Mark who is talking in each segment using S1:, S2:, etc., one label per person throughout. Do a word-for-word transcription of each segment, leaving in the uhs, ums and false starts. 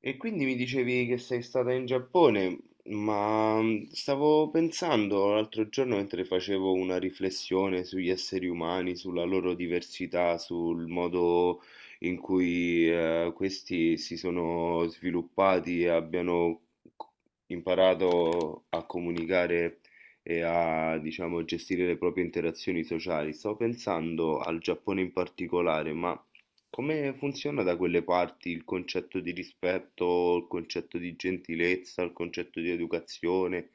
S1: E quindi mi dicevi che sei stata in Giappone, ma mm, stavo pensando l'altro giorno mentre facevo una riflessione sugli esseri umani, sulla loro diversità, sul modo in cui eh, questi si sono sviluppati e abbiano c- imparato a comunicare e a, diciamo, gestire le proprie interazioni sociali. Stavo pensando al Giappone in particolare, ma come funziona da quelle parti il concetto di rispetto, il concetto di gentilezza, il concetto di educazione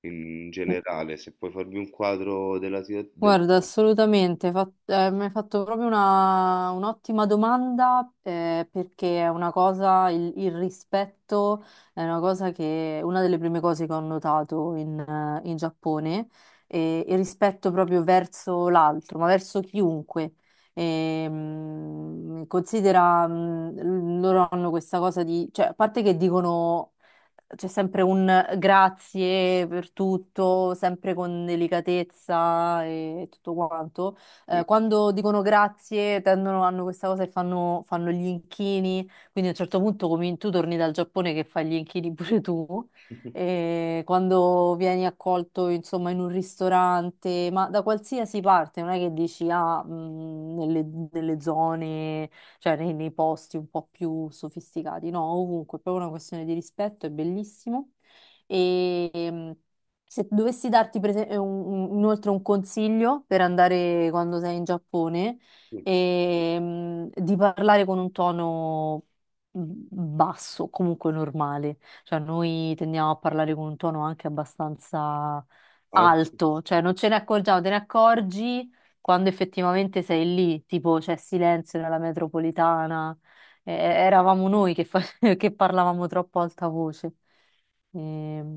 S1: in generale? Se puoi farmi un quadro della situazione.
S2: Guarda, assolutamente, fa- eh, mi hai fatto proprio una- un'ottima domanda eh, perché è una cosa, il, il rispetto è una cosa che, una delle prime cose che ho notato in, eh, in Giappone, e il rispetto proprio verso l'altro, ma verso chiunque. E, mh, considera, mh, loro hanno questa cosa di, cioè, a parte che dicono c'è sempre un grazie per tutto, sempre con delicatezza e tutto quanto. Eh,
S1: Del...
S2: quando dicono grazie, tendono, hanno questa cosa e fanno, fanno gli inchini, quindi a un certo punto comin- tu torni dal Giappone che fai gli inchini pure tu. E quando vieni accolto, insomma, in un ristorante, ma da qualsiasi parte, non è che dici, ah, mh, nelle, nelle zone cioè nei, nei posti un po' più sofisticati, no, ovunque, è proprio una questione di rispetto, è bellissimo. E ehm, Se dovessi darti per esempio, un- un- inoltre un consiglio per andare quando sei in Giappone,
S1: Sì.
S2: ehm, di parlare con un tono mhmm, basso, comunque normale. Cioè, noi tendiamo a parlare con un tono anche abbastanza
S1: Ah, sì.
S2: alto, cioè non ce ne accorgiamo, te ne accorgi quando effettivamente sei lì, tipo c'è silenzio nella metropolitana, eh, eravamo noi che, fa- che parlavamo troppo a alta voce.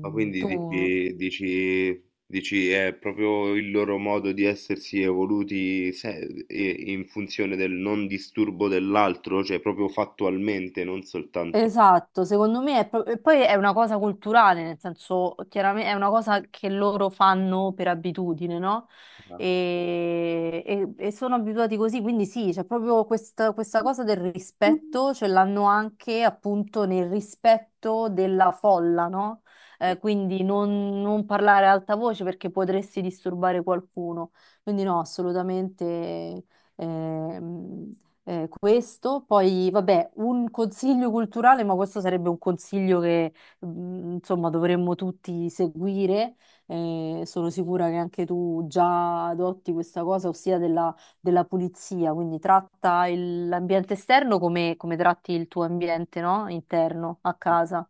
S1: Ma quindi
S2: Tu
S1: dici, dici, dici è proprio il loro modo di essersi evoluti se- e- in funzione del non disturbo dell'altro, cioè proprio fattualmente, non soltanto.
S2: esatto, secondo me è pro- e poi è una cosa culturale, nel senso, chiaramente è una cosa che loro fanno per abitudine, no?
S1: Ah.
S2: E, e- e sono abituati così, quindi sì, c'è proprio questa, questa cosa del rispetto, ce l'hanno anche appunto nel rispetto della folla, no? Eh, quindi non, non parlare ad alta voce perché potresti disturbare qualcuno. Quindi no, assolutamente. Ehm, eh, Questo, poi vabbè, un consiglio culturale, ma questo sarebbe un consiglio che mh, insomma dovremmo tutti seguire. Eh, sono sicura che anche tu già adotti questa cosa, ossia della, della pulizia, quindi tratta il- l'ambiente esterno come, come tratti il tuo ambiente, no? Interno a casa.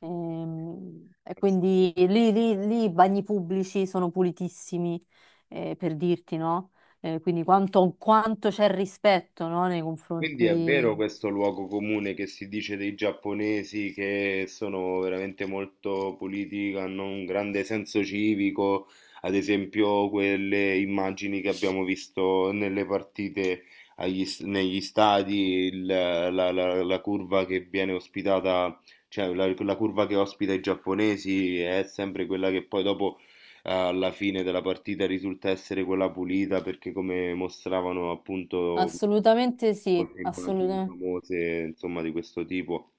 S2: Ehm, E quindi lì, lì- lì i bagni pubblici sono pulitissimi, eh, per dirti, no? Eh, quindi quanto, quanto c'è rispetto, no, nei
S1: Quindi
S2: confronti
S1: è
S2: di...
S1: vero questo luogo comune che si dice dei giapponesi che sono veramente molto puliti, hanno un grande senso civico, ad esempio quelle immagini che abbiamo visto nelle partite agli s- negli stadi, il- la, la- la curva che viene ospitata, cioè la, la curva che ospita i giapponesi è sempre quella che poi dopo alla fine della partita risulta essere quella pulita perché come mostravano appunto
S2: Assolutamente sì,
S1: molte immagini
S2: assolutamente.
S1: famose, insomma, di questo tipo.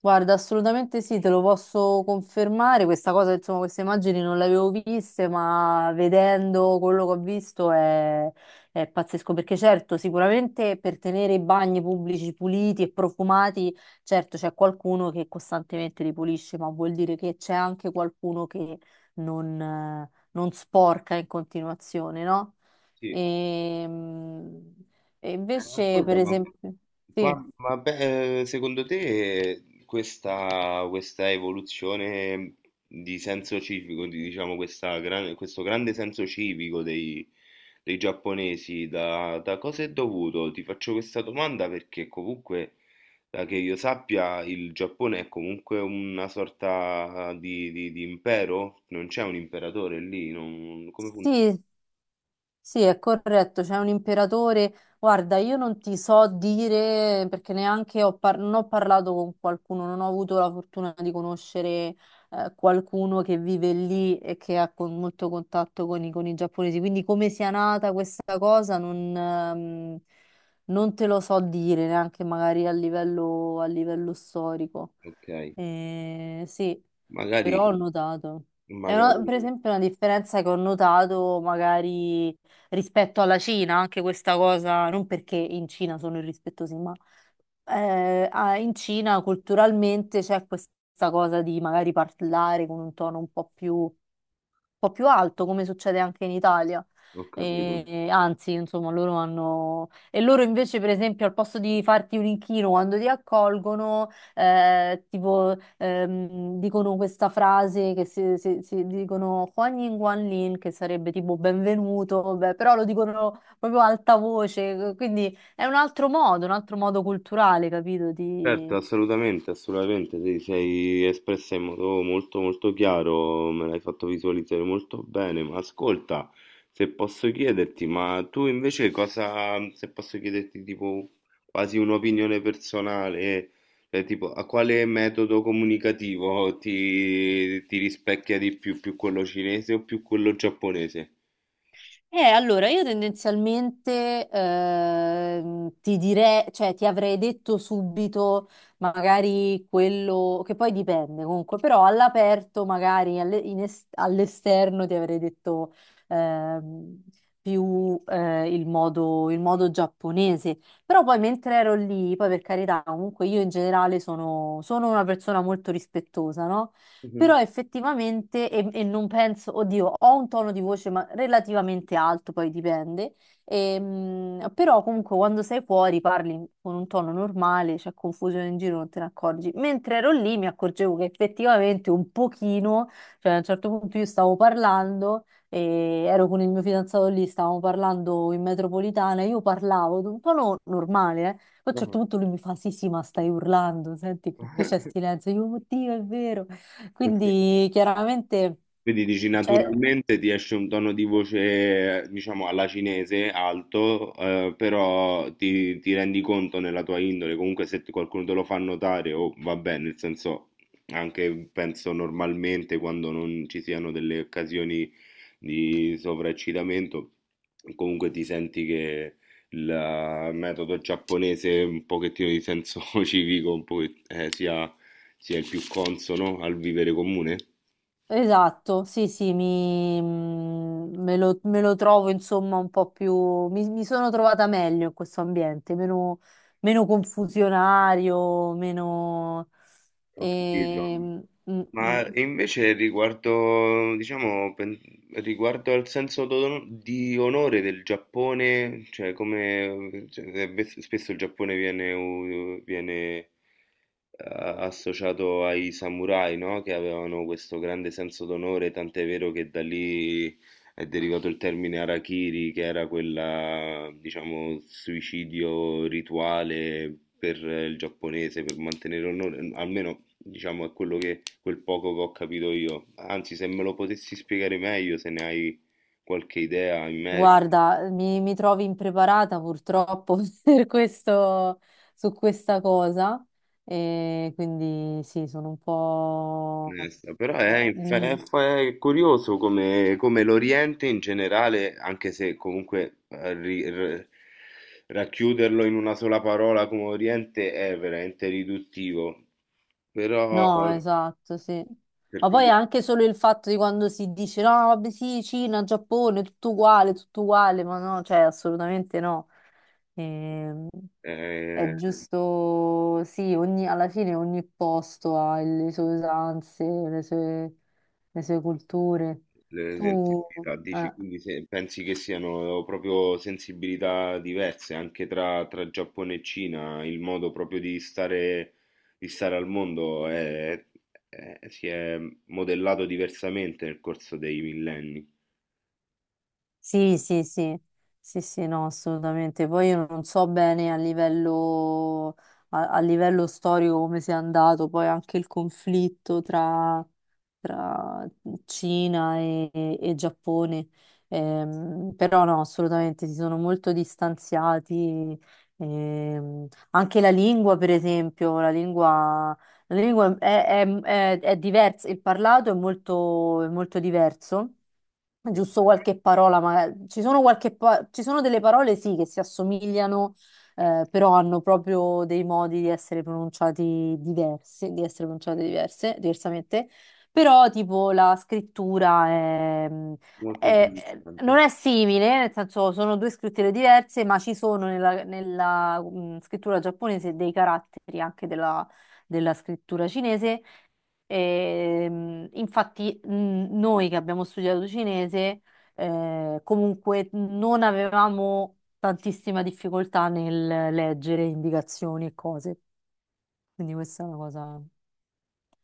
S2: Guarda, assolutamente sì, te lo posso confermare. Questa cosa, insomma, queste immagini non le avevo viste, ma vedendo quello che ho visto è, è pazzesco. Perché certo, sicuramente per tenere i bagni pubblici puliti e profumati, certo c'è qualcuno che costantemente li pulisce, ma vuol dire che c'è anche qualcuno che non, eh, non sporca in continuazione, no?
S1: Sì. Eh,
S2: E, e invece, per
S1: Ascolta, ma,
S2: esempio, sì.
S1: qua- ma beh, eh, secondo te questa, questa evoluzione di senso civico, di, diciamo, questa gran- questo grande senso civico dei, dei giapponesi, da, da cosa è dovuto? Ti faccio questa domanda perché comunque, da che io sappia, il Giappone è comunque una sorta di, di- di impero, non c'è un imperatore lì, non- come funziona?
S2: Sì, sì, è corretto, c'è un imperatore. Guarda, io non ti so dire perché neanche ho, par- non ho parlato con qualcuno, non ho avuto la fortuna di conoscere eh, qualcuno che vive lì e che ha con- molto contatto con i, con i giapponesi. Quindi come sia nata questa cosa non, ehm, non te lo so dire neanche magari a livello, a livello storico.
S1: Okay,
S2: Eh, sì,
S1: magari
S2: però ho notato. È una- per
S1: magari
S2: esempio una differenza che ho notato magari rispetto alla Cina, anche questa cosa, non perché in Cina sono irrispettosi, ma eh, ah, in Cina culturalmente c'è questa cosa di magari parlare con un tono un po' più po' più alto, come succede anche in Italia.
S1: ho capito.
S2: E- e anzi, insomma, loro hanno... E loro invece, per esempio, al posto di farti un inchino quando ti accolgono, eh, tipo, ehm, dicono questa frase che si, si- si dicono Huan Yin Guan Lin, che sarebbe tipo benvenuto, beh, però lo dicono proprio a alta voce, quindi è un altro modo, un altro modo culturale, capito?
S1: Certo, assolutamente, assolutamente, ti sei espressa in modo molto, molto chiaro, me l'hai fatto visualizzare molto bene, ma ascolta, se posso chiederti, ma tu invece cosa, se posso chiederti tipo quasi un'opinione personale, cioè tipo a quale metodo comunicativo ti, ti rispecchia di più, più, quello cinese o più quello giapponese?
S2: Eh, allora, io tendenzialmente ehm, ti direi, cioè ti avrei detto subito magari quello che poi dipende comunque, però all'aperto magari alle- in est- all'esterno ti avrei detto ehm, più eh, il modo, il modo giapponese, però poi mentre ero lì, poi per carità, comunque io in generale sono, sono una persona molto rispettosa, no?
S1: Mhm.
S2: Però effettivamente, e, e non penso, oddio, ho un tono di voce ma relativamente alto, poi dipende, ehm, però comunque quando sei fuori parli con un tono normale, c'è confusione in giro, non te ne accorgi. Mentre ero lì mi accorgevo che effettivamente un pochino, cioè a un certo punto io stavo parlando e ero con il mio fidanzato lì, stavamo parlando in metropolitana, io parlavo di un tono normale, eh. Poi a un certo punto lui mi fa: sì, sì, ma stai urlando, senti che qui c'è
S1: Ah.
S2: silenzio. Io, oddio, è vero. Quindi chiaramente,
S1: Quindi dici
S2: cioè,
S1: naturalmente ti esce un tono di voce, diciamo, alla cinese alto, eh, però ti, ti rendi conto nella tua indole, comunque se ti- qualcuno te lo fa notare, o va bene, nel senso, anche penso normalmente quando non ci siano delle occasioni di sovraeccitamento, comunque ti senti che il metodo giapponese, un pochettino di senso civico, un po' eh, sia, sia il più consono al vivere comune.
S2: esatto, sì, sì, mi, mm, me lo, me lo trovo insomma un po' più, mi, mi sono trovata meglio in questo ambiente, meno, meno confusionario, meno...
S1: Ho capito.
S2: ehm, mm, mm.
S1: Ma invece riguardo, diciamo, pen- riguardo al senso d'ono- di onore del Giappone, cioè come cioè, eh, bes- spesso il Giappone viene, u- viene a- associato ai samurai, no? Che avevano questo grande senso d'onore, tant'è vero che da lì è derivato il termine harakiri, che era quella, diciamo, suicidio rituale per eh, il giapponese, per mantenere onore, almeno diciamo è quello che, quel poco che ho capito io. Anzi, se me lo potessi spiegare meglio, se ne hai qualche idea in merito.
S2: Guarda, mi, mi trovi impreparata purtroppo per questo, su questa cosa, e quindi sì, sono un po'...
S1: Onesta, però è, inf-
S2: Mm.
S1: è fa- è curioso come, come l'Oriente in generale, anche se comunque eh, ri- r- racchiuderlo in una sola parola come Oriente è veramente riduttivo, però
S2: No,
S1: per
S2: esatto, sì. Ma poi
S1: quelli,
S2: anche solo il fatto di quando si dice no, vabbè sì, Cina, Giappone, tutto uguale, tutto uguale, ma no, cioè assolutamente no. Ehm,
S1: eh,
S2: è giusto, sì, ogni- alla fine ogni posto ha le sue usanze, le sue, le sue culture.
S1: le
S2: Tu,
S1: sensibilità, dici,
S2: eh.
S1: quindi se- pensi che siano proprio sensibilità diverse anche tra, tra, Giappone e Cina, il modo proprio di stare, di stare al mondo è- è- si è modellato diversamente nel corso dei millenni.
S2: Sì, sì, sì, sì, sì, no, assolutamente. Poi io non so bene a livello, a, a livello storico come sia andato, poi anche il conflitto tra, tra Cina e, e Giappone. Ehm, però no, assolutamente si sono molto distanziati. Ehm, Anche la lingua, per esempio, la lingua, la lingua è, è- è- è diversa, il parlato è molto, è molto diverso giusto qualche parola, ma ci sono, qualche pa- ci sono delle parole sì che si assomigliano, eh, però hanno proprio dei modi di essere pronunciati diversi, di essere pronunciate diverse, diversamente. Però tipo la scrittura è-
S1: Molto
S2: è- è- non
S1: interessante.
S2: è simile, nel senso sono due scritture diverse, ma ci sono nella, nella, mm, scrittura giapponese dei caratteri anche della della scrittura cinese. Ehm, infatti, mh, noi che abbiamo studiato cinese, eh, comunque non avevamo tantissima difficoltà nel leggere indicazioni e cose. Quindi questa è una cosa.